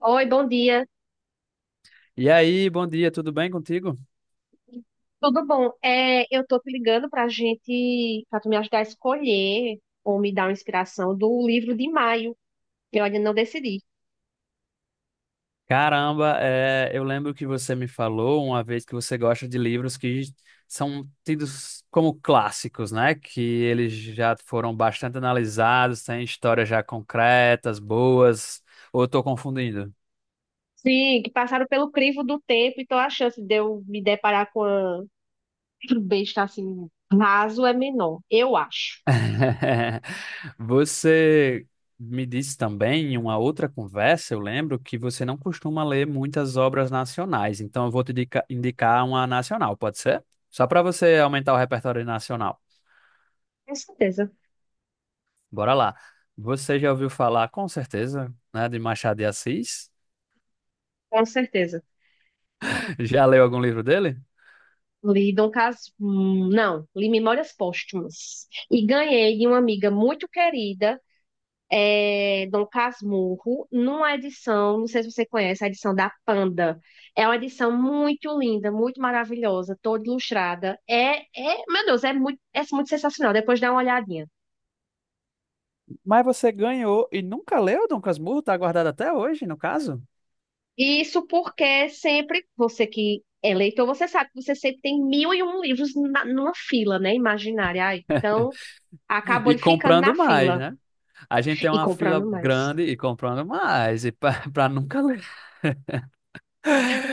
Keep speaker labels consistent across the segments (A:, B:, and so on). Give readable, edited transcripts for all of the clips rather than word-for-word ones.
A: Oi, bom dia.
B: E aí, bom dia, tudo bem contigo?
A: Tudo bom? Eu tô te ligando pra gente, pra tu me ajudar a escolher ou me dar uma inspiração do livro de maio. Eu ainda não decidi.
B: Caramba, eu lembro que você me falou uma vez que você gosta de livros que são tidos como clássicos, né? Que eles já foram bastante analisados, têm histórias já concretas, boas, ou eu tô confundindo?
A: Sim, que passaram pelo crivo do tempo, então a chance de eu me deparar com uma besta assim raso é menor, eu acho.
B: Você me disse também em uma outra conversa, eu lembro que você não costuma ler muitas obras nacionais, então eu vou te indicar uma nacional, pode ser? Só para você aumentar o repertório nacional.
A: Com certeza,
B: Bora lá. Você já ouviu falar, com certeza, né, de Machado de Assis?
A: com certeza.
B: Já leu algum livro dele?
A: Não, li Memórias Póstumas. E ganhei de uma amiga muito querida Dom Casmurro, numa edição, não sei se você conhece, a edição da Panda. É uma edição muito linda, muito maravilhosa, toda ilustrada. Meu Deus, é muito sensacional. Depois dá uma olhadinha.
B: Mas você ganhou e nunca leu Dom Casmurro, tá guardado até hoje, no caso?
A: Isso porque sempre, você que é leitor, você sabe que você sempre tem mil e um livros numa fila, né? Imaginária. Aí, então, acabou
B: E
A: ele ficando
B: comprando
A: na
B: mais,
A: fila
B: né? A gente tem
A: e
B: uma fila
A: comprando mais.
B: grande e comprando mais, e para nunca ler.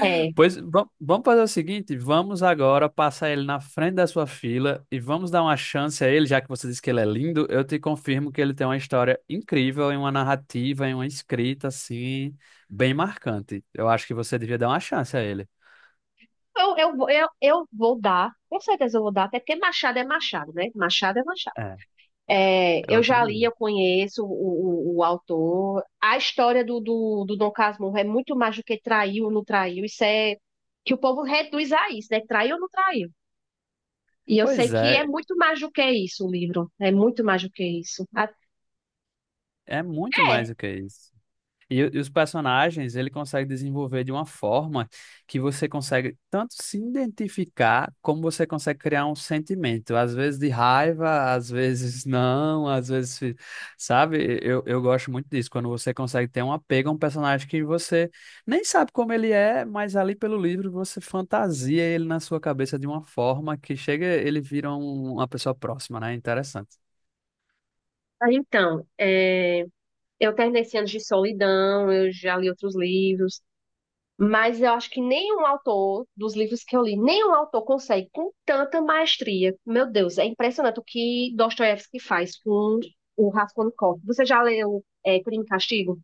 A: É.
B: Vamos fazer o seguinte, vamos agora passar ele na frente da sua fila e vamos dar uma chance a ele, já que você disse que ele é lindo, eu te confirmo que ele tem uma história incrível, em uma narrativa, em uma escrita assim, bem marcante. Eu acho que você devia dar uma chance a ele.
A: Eu vou dar, com certeza eu vou dar, até porque Machado é Machado, né? Machado é Machado.
B: É, é
A: Eu
B: outro
A: já li,
B: livro.
A: eu conheço o autor. A história do Dom Casmurro é muito mais do que traiu ou não traiu. Isso é que o povo reduz a isso, né? Traiu ou não traiu. E eu sei
B: Pois
A: que é
B: é,
A: muito mais do que isso o livro. É muito mais do que isso.
B: é muito mais
A: É,
B: do que isso. E os personagens, ele consegue desenvolver de uma forma que você consegue tanto se identificar, como você consegue criar um sentimento, às vezes de raiva, às vezes não, sabe? Eu gosto muito disso, quando você consegue ter um apego a um personagem que você nem sabe como ele é, mas ali pelo livro você fantasia ele na sua cabeça de uma forma que chega, ele vira uma pessoa próxima, né? Interessante.
A: Aí então, eu terminei esse ano de solidão, eu já li outros livros. Mas eu acho que nenhum autor, dos livros que eu li, nenhum autor consegue com tanta maestria. Meu Deus, é impressionante o que Dostoiévski faz com o Raskolnikov. Você já leu Crime e Castigo?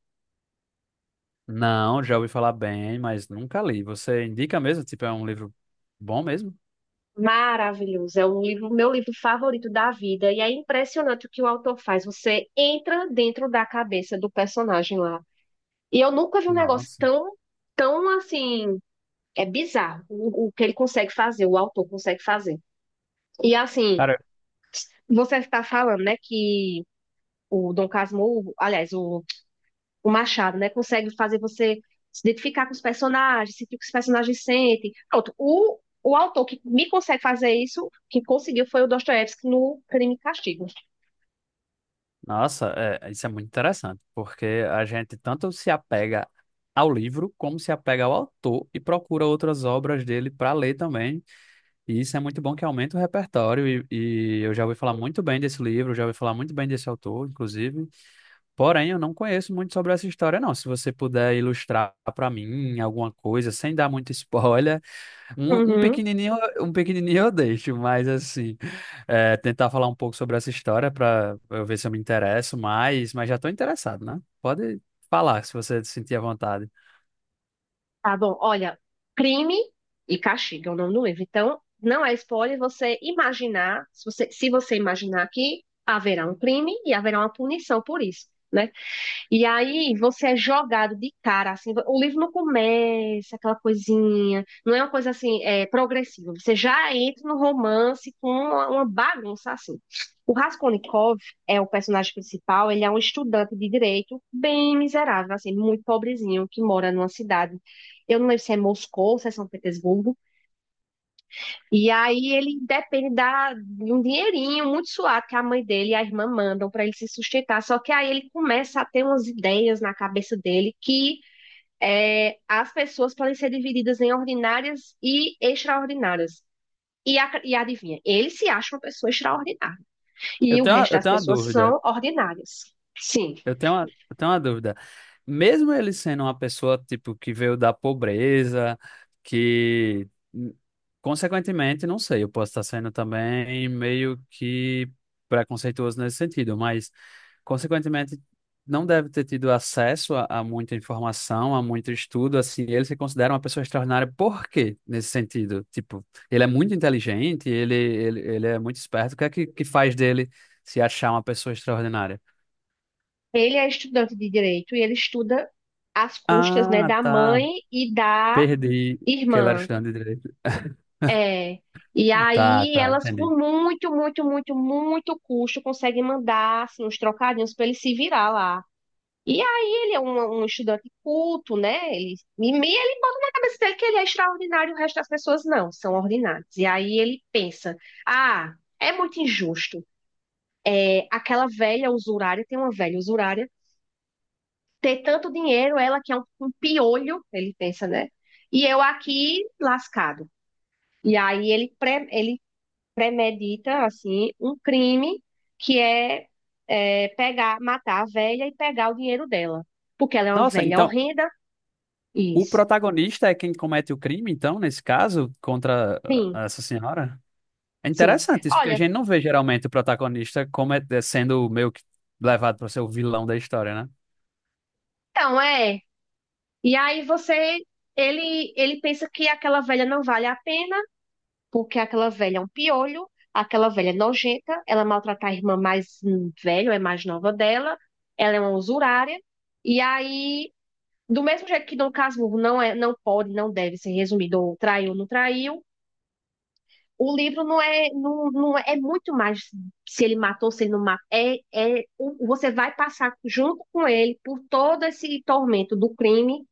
B: Não, já ouvi falar bem, mas nunca li. Você indica mesmo? Tipo, é um livro bom mesmo?
A: Maravilhoso, é um livro, meu livro favorito da vida, e é impressionante o que o autor faz. Você entra dentro da cabeça do personagem lá. E eu nunca vi um negócio
B: Nossa.
A: tão, tão assim, é bizarro o que ele consegue fazer, o autor consegue fazer. E assim,
B: Cara,
A: você está falando, né, que o Dom Casmurro, aliás, o Machado, né, consegue fazer você se identificar com os personagens, sentir o que os personagens sentem. Pronto, o autor que me consegue fazer isso, que conseguiu, foi o Dostoiévski no Crime e Castigo.
B: nossa, isso é muito interessante, porque a gente tanto se apega ao livro, como se apega ao autor e procura outras obras dele para ler também. E isso é muito bom que aumenta o repertório. E eu já ouvi falar muito bem desse livro, já ouvi falar muito bem desse autor, inclusive. Porém, eu não conheço muito sobre essa história, não. Se você puder ilustrar para mim alguma coisa, sem dar muito spoiler. Um,
A: Uhum,
B: um pequenininho eu deixo, mas assim, tentar falar um pouco sobre essa história para eu ver se eu me interesso mais, mas já estou interessado, né? Pode falar se você sentir à vontade.
A: tá bom, olha, Crime e Castigo é o nome do livro. Então, não é spoiler você imaginar, se você imaginar que haverá um crime e haverá uma punição por isso, né? E aí você é jogado de cara, assim, o livro não começa aquela coisinha, não é uma coisa assim, progressiva. Você já entra no romance com uma bagunça assim. O Raskolnikov é o personagem principal, ele é um estudante de direito bem miserável, assim, muito pobrezinho, que mora numa cidade. Eu não lembro se é Moscou, se é São Petersburgo, e aí ele depende de um dinheirinho muito suado que a mãe dele e a irmã mandam para ele se sustentar. Só que aí ele começa a ter umas ideias na cabeça dele que as pessoas podem ser divididas em ordinárias e extraordinárias. E adivinha, ele se acha uma pessoa extraordinária. E o resto
B: Eu
A: das
B: tenho uma
A: pessoas
B: dúvida.
A: são ordinárias. Sim,
B: Eu tenho uma dúvida. Mesmo ele sendo uma pessoa, tipo, que veio da pobreza, que, n- consequentemente, não sei, eu posso estar sendo também meio que preconceituoso nesse sentido, mas, consequentemente, não deve ter tido acesso a muita informação, a muito estudo, assim, ele se considera uma pessoa extraordinária. Por quê, nesse sentido? Tipo, ele é muito inteligente, ele é muito esperto. O que é que faz dele se achar uma pessoa extraordinária?
A: ele é estudante de direito e ele estuda às custas, né,
B: Ah,
A: da
B: tá.
A: mãe e da
B: Perdi que ela era
A: irmã.
B: estudante de direito.
A: É. E
B: Tá,
A: aí
B: tá,
A: elas
B: entendi.
A: com muito, muito, muito, muito custo conseguem mandar assim, uns trocadinhos para ele se virar lá. E aí ele é um estudante culto, né? Ele na cabeça dele que ele é extraordinário, o resto das pessoas não, são ordinárias. E aí ele pensa, ah, é muito injusto. Tem uma velha usurária, ter tanto dinheiro, ela que é um piolho, ele pensa, né? E eu aqui lascado. E aí ele premedita, assim, um crime que é pegar, matar a velha e pegar o dinheiro dela. Porque ela é uma
B: Nossa,
A: velha
B: então
A: horrenda.
B: o
A: Isso.
B: protagonista é quem comete o crime, então, nesse caso, contra
A: Sim,
B: ah, essa senhora? É
A: sim.
B: interessante isso, porque a
A: Olha,
B: gente não vê geralmente o protagonista como é sendo meio que levado para ser o vilão da história, né?
A: então é. E aí ele pensa que aquela velha não vale a pena, porque aquela velha é um piolho, aquela velha é nojenta, ela maltrata a irmã mais velha, ou é mais nova dela, ela é uma usurária. E aí, do mesmo jeito que Dom Casmurro não é, não pode, não deve ser resumido ou traiu, ou não traiu, o livro não é muito mais se ele matou, se ele não matou. Você vai passar junto com ele por todo esse tormento do crime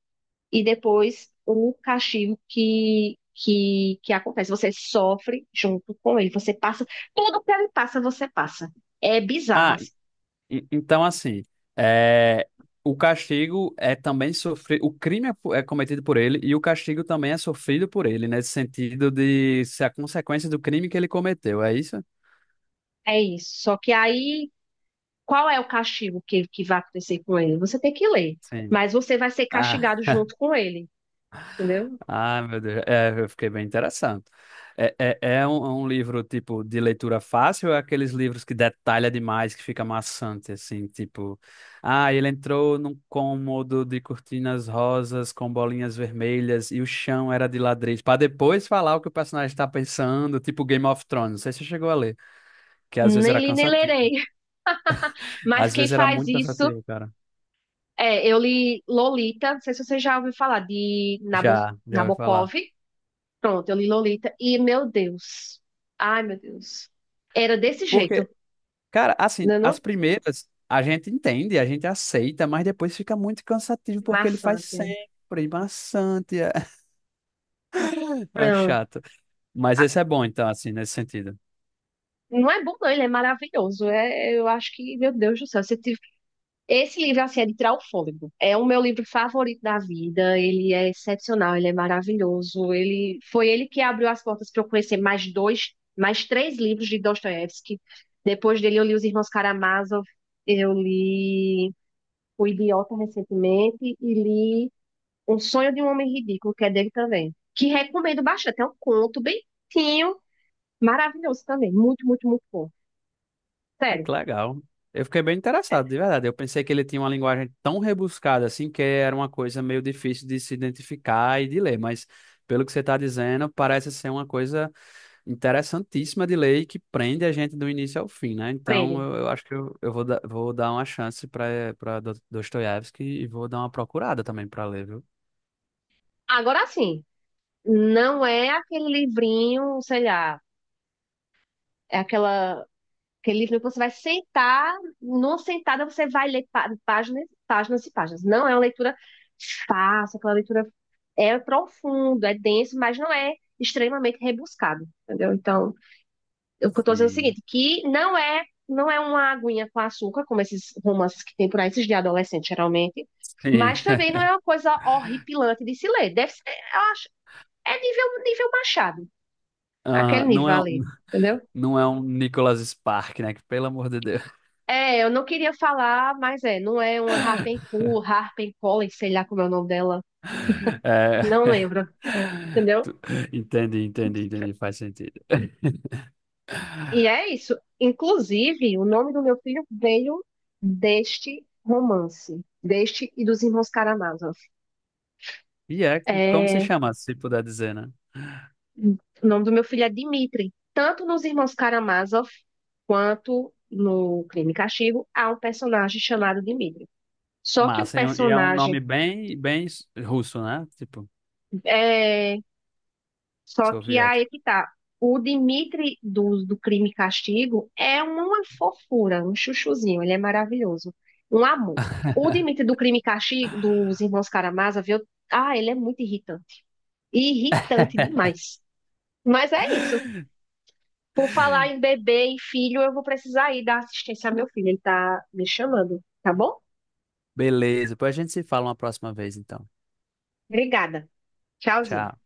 A: e depois o castigo que acontece. Você sofre junto com ele. Você passa, tudo que ele passa, você passa. É bizarro,
B: Ah, e-
A: assim.
B: então assim, é, o castigo é também sofrido, o crime é, é cometido por ele e o castigo também é sofrido por ele, nesse sentido de ser a consequência do crime que ele cometeu, é isso?
A: É isso. Só que aí, qual é o castigo que vai acontecer com ele? Você tem que ler,
B: Sim.
A: mas você vai ser
B: Ah,
A: castigado junto com ele, entendeu?
B: ah, meu Deus. É, eu fiquei bem interessado. É um livro, tipo, de leitura fácil ou é aqueles livros que detalha demais, que fica maçante, assim, tipo... Ah, ele entrou num cômodo de cortinas rosas com bolinhas vermelhas e o chão era de ladrilhos, para depois falar o que o personagem está pensando, tipo Game of Thrones. Não sei se você chegou a ler, que às
A: Nem
B: vezes era
A: li, nem lerei.
B: cansativo.
A: Mas
B: Às
A: quem
B: vezes era
A: faz
B: muito
A: isso
B: cansativo, cara.
A: eu li Lolita, não sei se você já ouviu falar de
B: Já, já ouvi falar.
A: Nabokov. Pronto, eu li Lolita e meu Deus. Ai, meu Deus. Era desse jeito.
B: Porque cara,
A: Não,
B: assim,
A: é
B: as
A: não
B: primeiras a gente entende, a gente aceita, mas depois fica muito cansativo porque ele faz
A: maçante.
B: sempre, e maçante, é
A: Não,
B: chato. Mas esse é bom, então, assim, nesse sentido.
A: não é bom não, ele é maravilhoso. Eu acho que, meu Deus do céu, se Esse livro, assim, é de tirar o fôlego. É o meu livro favorito da vida. Ele é excepcional, ele é maravilhoso. Ele foi ele que abriu as portas para eu conhecer mais dois, mais três livros de Dostoiévski. Depois dele, eu li Os Irmãos Karamazov, eu li O Idiota recentemente e li Um Sonho de um Homem Ridículo, que é dele também. Que recomendo bastante. É um conto bem curtinho, maravilhoso também. Muito, muito, muito bom.
B: É que
A: Sério,
B: legal. Eu fiquei bem interessado, de verdade. Eu pensei que ele tinha uma linguagem tão rebuscada, assim, que era uma coisa meio difícil de se identificar e de ler, mas pelo que você está dizendo, parece ser uma coisa interessantíssima de lei que prende a gente do início ao fim, né? Então
A: prende.
B: eu acho que eu vou, vou dar uma chance para para Dostoiévski e vou dar uma procurada também para ler, viu?
A: Agora sim. Não é aquele livrinho, sei lá, é aquele livro que você vai sentar, numa sentada você vai ler páginas, páginas e páginas. Não é uma leitura fácil, aquela leitura é profundo, é denso, mas não é extremamente rebuscado, entendeu? Então, eu estou dizendo é o
B: Sim.
A: seguinte, que não é uma aguinha com açúcar, como esses romances que tem por aí, esses de adolescente, geralmente,
B: Sim.
A: mas também não é uma coisa horripilante de se ler. Deve ser, eu acho, é nível, nível Machado. Aquele
B: Ah, não
A: nível
B: é, um-
A: ali, entendeu?
B: não é um Nicholas Spark, né? Que, pelo amor de Deus.
A: Eu não queria falar, mas não é uma Rapunzel, Harpencollen, sei lá como é o nome dela.
B: É.
A: Não lembro, entendeu?
B: Tu- Entendi, entendi. Faz sentido.
A: E é isso. Inclusive, o nome do meu filho veio deste romance, deste e dos Irmãos Karamazov.
B: E é como se
A: É,
B: chama, se puder dizer, né?
A: o nome do meu filho é Dmitri. Tanto nos Irmãos Karamazov quanto no Crime e Castigo, há um personagem chamado Dmitri. Só que o
B: Massa. E é um
A: personagem
B: nome bem, bem russo, né? Tipo,
A: é, Só que aí é
B: soviético.
A: que tá. O Dimitri dos do Crime e Castigo é uma fofura, um chuchuzinho, ele é maravilhoso, um amor. O Dimitri do Crime e Castigo dos Irmãos Karamazov, ah, ele é muito irritante, irritante demais. Mas é isso. Por falar em bebê e filho, eu vou precisar ir dar assistência ao meu filho, ele tá me chamando, tá bom?
B: Beleza, depois a gente se fala uma próxima vez, então.
A: Obrigada. Tchauzinho.
B: Tchau.